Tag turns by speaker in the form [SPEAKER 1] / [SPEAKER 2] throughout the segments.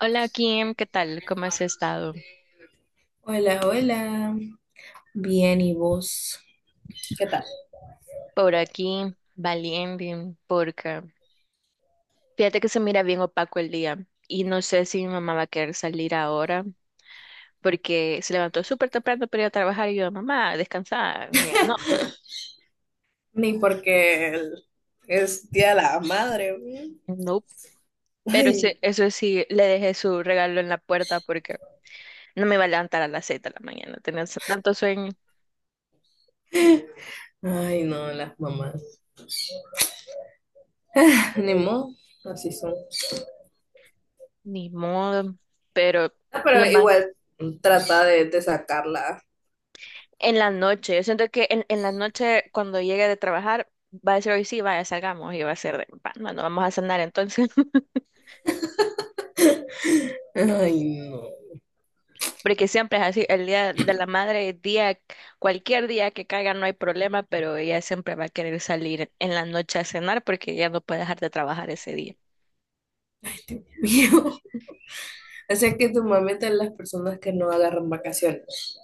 [SPEAKER 1] Hola Kim, ¿qué tal? ¿Cómo has estado?
[SPEAKER 2] Hola, hola. Bien, ¿y vos? ¿Qué tal?
[SPEAKER 1] Por aquí, valiente, porque fíjate que se mira bien opaco el día y no sé si mi mamá va a querer salir ahora porque se levantó súper temprano para ir a trabajar y yo, mamá, descansa. Me dijo, no,
[SPEAKER 2] Ni porque el- Es Día de la Madre, güey.
[SPEAKER 1] no, pero
[SPEAKER 2] Ay.
[SPEAKER 1] eso sí, le dejé su regalo en la puerta porque no me iba a levantar a las 6 de la mañana, tenía tanto sueño,
[SPEAKER 2] Ay, no, las mamás. Ni modo, así son.
[SPEAKER 1] ni modo, pero
[SPEAKER 2] Ah, pero
[SPEAKER 1] lo más.
[SPEAKER 2] igual trata de sacarla.
[SPEAKER 1] En la noche, yo siento que en la noche cuando llegue de trabajar va a decir hoy sí, vaya, salgamos y va a ser de, "Va, bueno, vamos a cenar entonces",
[SPEAKER 2] Ay, no.
[SPEAKER 1] porque siempre es así, el día de la madre, cualquier día que caiga no hay problema, pero ella siempre va a querer salir en la noche a cenar porque ella no puede dejar de trabajar ese día.
[SPEAKER 2] Mío. O sea que tu mamá es de las personas que no agarran vacaciones.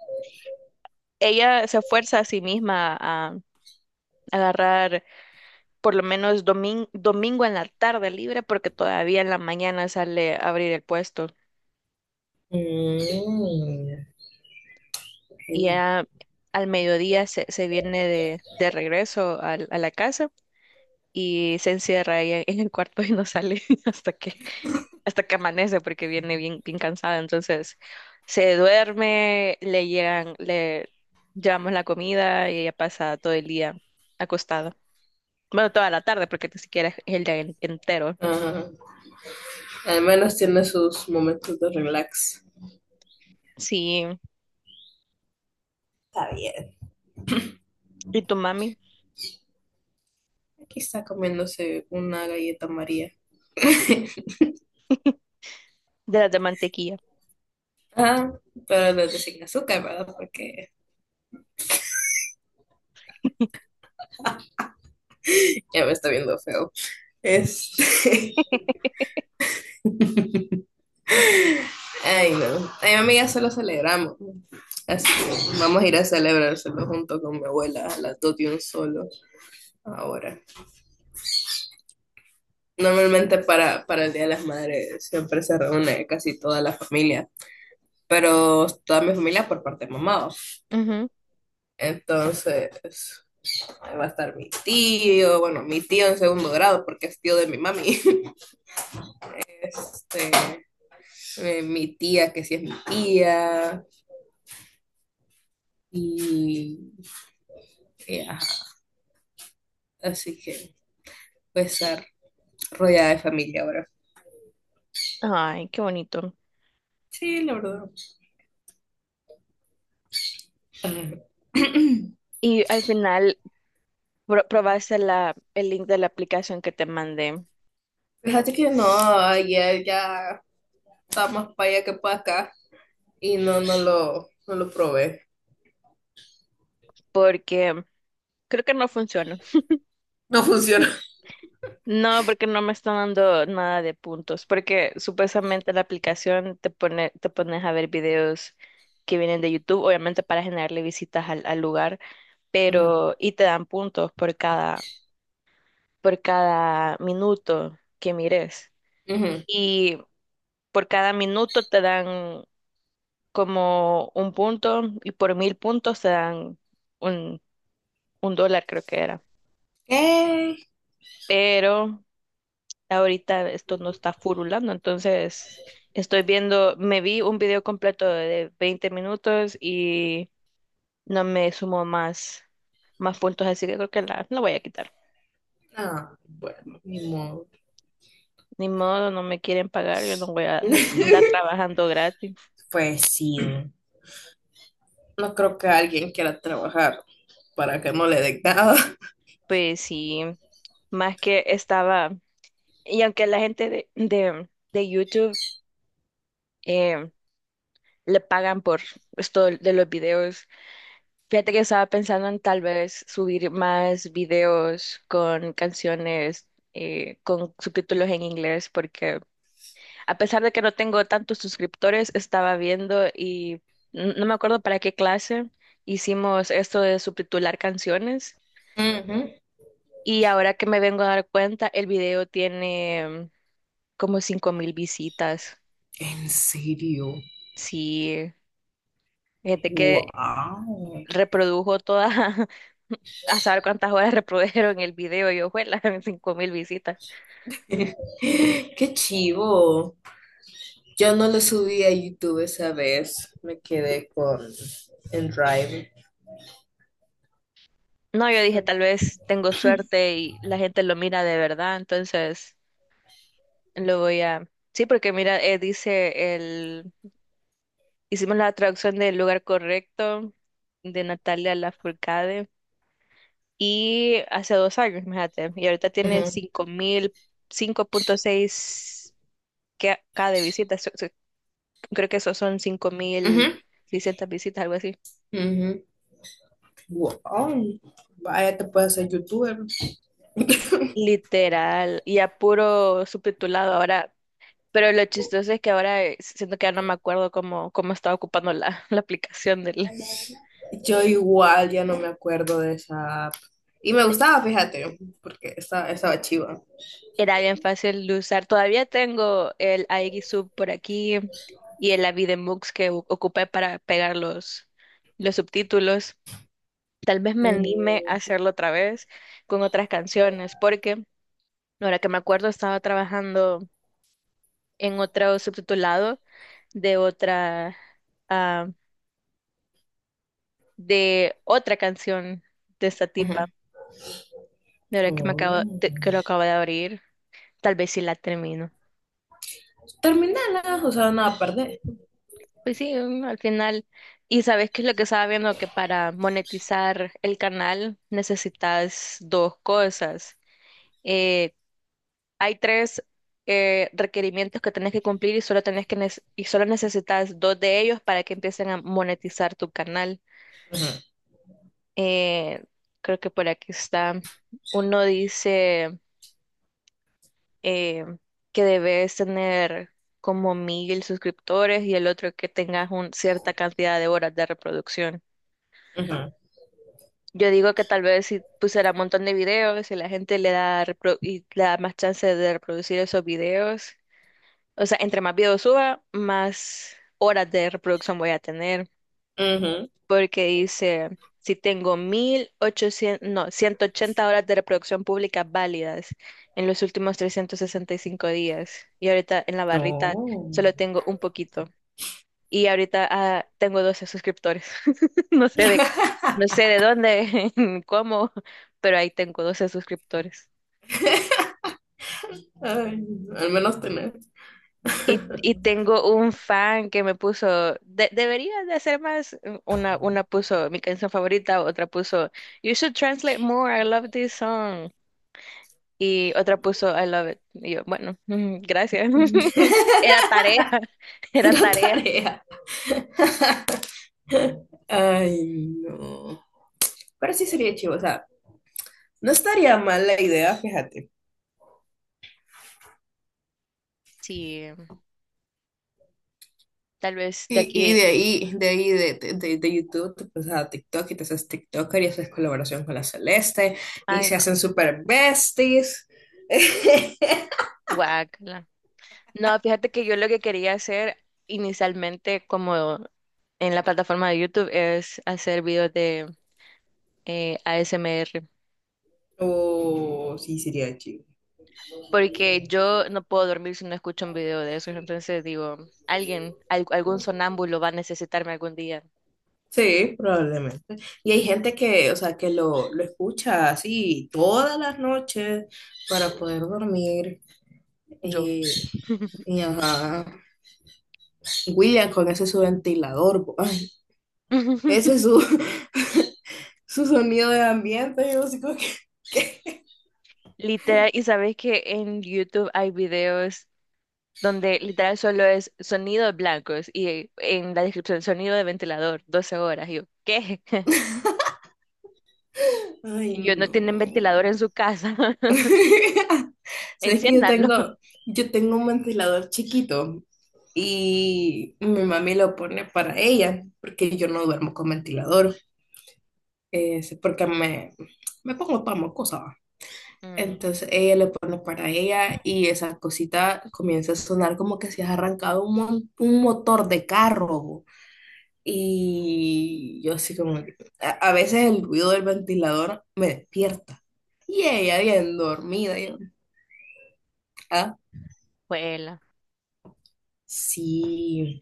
[SPEAKER 1] Ella se fuerza a sí misma a agarrar por lo menos domingo en la tarde libre porque todavía en la mañana sale a abrir el puesto.
[SPEAKER 2] Mm.
[SPEAKER 1] Y
[SPEAKER 2] Ajena.
[SPEAKER 1] ya al mediodía se viene de regreso a la casa y se encierra ahí en el cuarto y no sale hasta que amanece porque viene bien, bien cansada. Entonces se duerme, le llegan, le llevamos la comida y ella pasa todo el día acostada. Bueno, toda la tarde porque ni siquiera es el día entero.
[SPEAKER 2] Ajá. Al menos tiene sus momentos de relax.
[SPEAKER 1] Sí,
[SPEAKER 2] Está bien.
[SPEAKER 1] y tu mami
[SPEAKER 2] Aquí está comiéndose una galleta María.
[SPEAKER 1] de las de mantequilla.
[SPEAKER 2] Ah, pero los de sin azúcar, ¿verdad? Porque ya me está viendo feo. Este, ay, no. A mi ya solo celebramos. Así que vamos a ir a celebrárselo junto con mi abuela a las 2 de un solo ahora. Normalmente para el Día de las Madres siempre se reúne casi toda la familia, pero toda mi familia por parte de mamá.
[SPEAKER 1] Ujú.
[SPEAKER 2] Entonces, ahí va a estar mi tío, bueno, mi tío en segundo grado porque es tío de mi mami. Este, mi tía, que sí es mi tía, y ajá. Así que voy a estar rodeada de familia ahora.
[SPEAKER 1] Ay, qué bonito.
[SPEAKER 2] Sí, la verdad. Ajá.
[SPEAKER 1] Y al final probaste la, el link de la aplicación que te mandé,
[SPEAKER 2] Fíjate que no, ayer ya está más para allá que para acá y no, no lo probé.
[SPEAKER 1] porque creo que no funciona.
[SPEAKER 2] No funciona.
[SPEAKER 1] No, porque no me está dando nada de puntos, porque supuestamente la aplicación te pone, te pones a ver videos que vienen de YouTube, obviamente para generarle visitas al lugar,
[SPEAKER 2] Ujú,
[SPEAKER 1] pero y te dan puntos por cada, minuto que mires.
[SPEAKER 2] ujú.
[SPEAKER 1] Y por cada minuto te dan como un punto y por 1000 puntos te dan un, un dólar, creo que era.
[SPEAKER 2] Eh,
[SPEAKER 1] Pero ahorita esto no está furulando, entonces estoy viendo, me vi un video completo de 20 minutos y no me sumo más puntos, así que creo que la voy a quitar.
[SPEAKER 2] ah, bueno, ni modo.
[SPEAKER 1] Ni modo, no me quieren pagar, yo no voy a andar trabajando gratis.
[SPEAKER 2] Pues sí. No creo que alguien quiera trabajar para que no le den nada.
[SPEAKER 1] Pues sí, más que estaba, y aunque la gente de YouTube eh, le pagan por esto de los videos. Fíjate que estaba pensando en tal vez subir más videos con canciones con subtítulos en inglés, porque a pesar de que no tengo tantos suscriptores, estaba viendo y no me acuerdo para qué clase hicimos esto de subtitular canciones.
[SPEAKER 2] Ajá.
[SPEAKER 1] Y ahora que me vengo a dar cuenta, el video tiene como 5000 visitas.
[SPEAKER 2] ¿En serio?
[SPEAKER 1] Sí, fíjate que
[SPEAKER 2] Wow.
[SPEAKER 1] reprodujo toda, a saber cuántas horas reprodujeron el video y ojuela, 5000 visitas.
[SPEAKER 2] Qué chivo. Yo no lo subí a YouTube esa vez. Me quedé con en Drive.
[SPEAKER 1] No, yo dije, tal vez tengo suerte y la gente lo mira de verdad, entonces lo voy a. Sí, porque mira, dice el. Hicimos la traducción del lugar correcto de Natalia Lafourcade y hace 2 años, fíjate, y ahorita tiene
[SPEAKER 2] Ujú,
[SPEAKER 1] cinco mil, 5.6 que- cada de visitas, so- so- creo que eso son cinco mil
[SPEAKER 2] ujú,
[SPEAKER 1] seiscientas visitas, algo así.
[SPEAKER 2] ujú. Wow. Vaya, te puedes hacer youtuber.
[SPEAKER 1] Literal, y a puro subtitulado ahora. Pero lo chistoso es que ahora siento que ya no me acuerdo cómo estaba ocupando la, la aplicación del.
[SPEAKER 2] Yo igual ya no me acuerdo de esa app. Y me gustaba, fíjate, porque estaba chiva.
[SPEAKER 1] Era bien fácil de usar. Todavía tengo el Sub por aquí y el Avidemux que ocupé para pegar los subtítulos. Tal vez me anime a
[SPEAKER 2] Ujú,
[SPEAKER 1] hacerlo otra vez con otras canciones, porque ahora que me acuerdo estaba trabajando en otro subtitulado de otra. Ah, de otra canción de esta
[SPEAKER 2] ujú.
[SPEAKER 1] tipa. De verdad que me acabo,
[SPEAKER 2] Oh.
[SPEAKER 1] de- que lo acabo de abrir. Tal vez si la termino.
[SPEAKER 2] Terminala, o sea, nada, perdé.
[SPEAKER 1] Pues sí, al final. Y sabes qué es lo que estaba viendo, que para monetizar el canal necesitas dos cosas. Eh, hay tres requerimientos que tenés que cumplir y solo tenés que nece- y solo necesitas dos de ellos para que empiecen a monetizar tu canal.
[SPEAKER 2] Ujú,
[SPEAKER 1] Eh, creo que por aquí está. Uno dice eh, que debes tener como 1000 suscriptores y el otro que tengas cierta cantidad de horas de reproducción.
[SPEAKER 2] ujú,
[SPEAKER 1] Yo digo que tal vez si pusiera un montón de videos y la gente le da más chance de reproducir esos videos, o sea, entre más videos suba, más horas de reproducción voy a tener.
[SPEAKER 2] ujú.
[SPEAKER 1] Porque dice, si tengo 1800, no, 180 horas de reproducción pública válidas en los últimos 365 días y ahorita en la barrita
[SPEAKER 2] No.
[SPEAKER 1] solo tengo un poquito y ahorita tengo 12 suscriptores. No sé de, no sé de dónde, ni cómo, pero ahí tengo 12 suscriptores.
[SPEAKER 2] Ay, al menos tener.
[SPEAKER 1] Y tengo un fan que me puso, deberías de hacer más. Una puso mi canción favorita, otra puso, "You should translate more, I love this song". Y otra puso, "I love it". Y yo, bueno, gracias. Era tarea, era
[SPEAKER 2] Era
[SPEAKER 1] tarea.
[SPEAKER 2] tarea. Ay, no. Pero sí sería chivo, o sea, no estaría mal la idea, fíjate.
[SPEAKER 1] Sí, tal vez de
[SPEAKER 2] Y
[SPEAKER 1] aquí,
[SPEAKER 2] de ahí, de ahí, de YouTube, te pasas a TikTok y te haces TikToker y haces colaboración con la Celeste y
[SPEAKER 1] ay
[SPEAKER 2] se
[SPEAKER 1] no,
[SPEAKER 2] hacen super besties.
[SPEAKER 1] guácala. No, fíjate que yo lo que quería hacer inicialmente como en la plataforma de YouTube es hacer videos de ASMR.
[SPEAKER 2] Oh, sí, sería chivo.
[SPEAKER 1] Porque yo no puedo dormir si no escucho un video de eso. Entonces digo, alguien, algún sonámbulo va a necesitarme algún día.
[SPEAKER 2] Sí, probablemente. Y hay gente que, o sea, que lo escucha así todas las noches para poder dormir.
[SPEAKER 1] Yo.
[SPEAKER 2] Y, y ajá. William con ese su ventilador, ay, ese es su, su sonido de ambiente. Yo así como que,
[SPEAKER 1] Literal, y sabes que en YouTube hay videos donde literal solo es sonidos blancos y en la descripción sonido de ventilador, 12 horas. Y yo, ¿qué?
[SPEAKER 2] ay,
[SPEAKER 1] Y yo, no tienen ventilador
[SPEAKER 2] no.
[SPEAKER 1] en su casa,
[SPEAKER 2] Sabes que
[SPEAKER 1] enciéndanlo.
[SPEAKER 2] yo tengo un ventilador chiquito y mi mami lo pone para ella, porque yo no duermo con ventilador. Es porque me pongo para mocosa.
[SPEAKER 1] Mm,
[SPEAKER 2] Entonces ella le pone para ella y esa cosita comienza a sonar como que se ha arrancado un, un motor de carro. Y yo así como, a veces el ruido del ventilador me despierta. Y ella bien dormida. Y yo, ah,
[SPEAKER 1] bueno.
[SPEAKER 2] sí,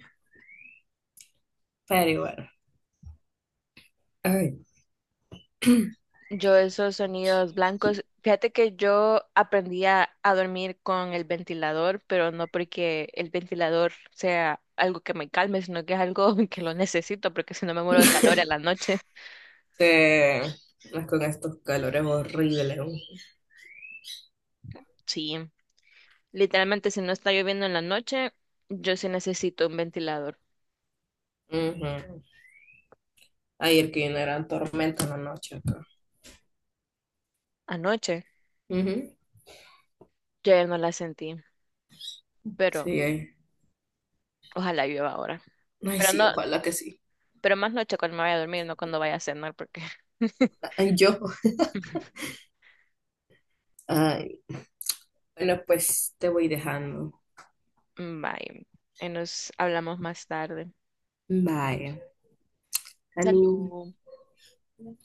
[SPEAKER 2] pero bueno. Ay,
[SPEAKER 1] Yo esos sonidos blancos, fíjate que yo aprendí a dormir con el ventilador, pero no porque el ventilador sea algo que me calme, sino que es algo que lo necesito, porque si no me muero del calor en la noche.
[SPEAKER 2] te- más con estos calores horribles, ¿no?
[SPEAKER 1] Sí, literalmente si no está lloviendo en la noche, yo sí necesito un ventilador.
[SPEAKER 2] Ujú. Ayer que vino eran tormentas en la noche acá.
[SPEAKER 1] Anoche
[SPEAKER 2] Ujú.
[SPEAKER 1] yo ya no la sentí, pero
[SPEAKER 2] Sí, ay.
[SPEAKER 1] ojalá llueva ahora.
[SPEAKER 2] Ay,
[SPEAKER 1] Pero
[SPEAKER 2] sí,
[SPEAKER 1] no,
[SPEAKER 2] ojalá que sí.
[SPEAKER 1] pero más noche cuando me vaya a dormir, no cuando vaya a cenar, porque.
[SPEAKER 2] Ay, yo. Ay, bueno, pues te voy dejando.
[SPEAKER 1] Bye, y nos hablamos más tarde.
[SPEAKER 2] Bye. Salud.
[SPEAKER 1] Salud.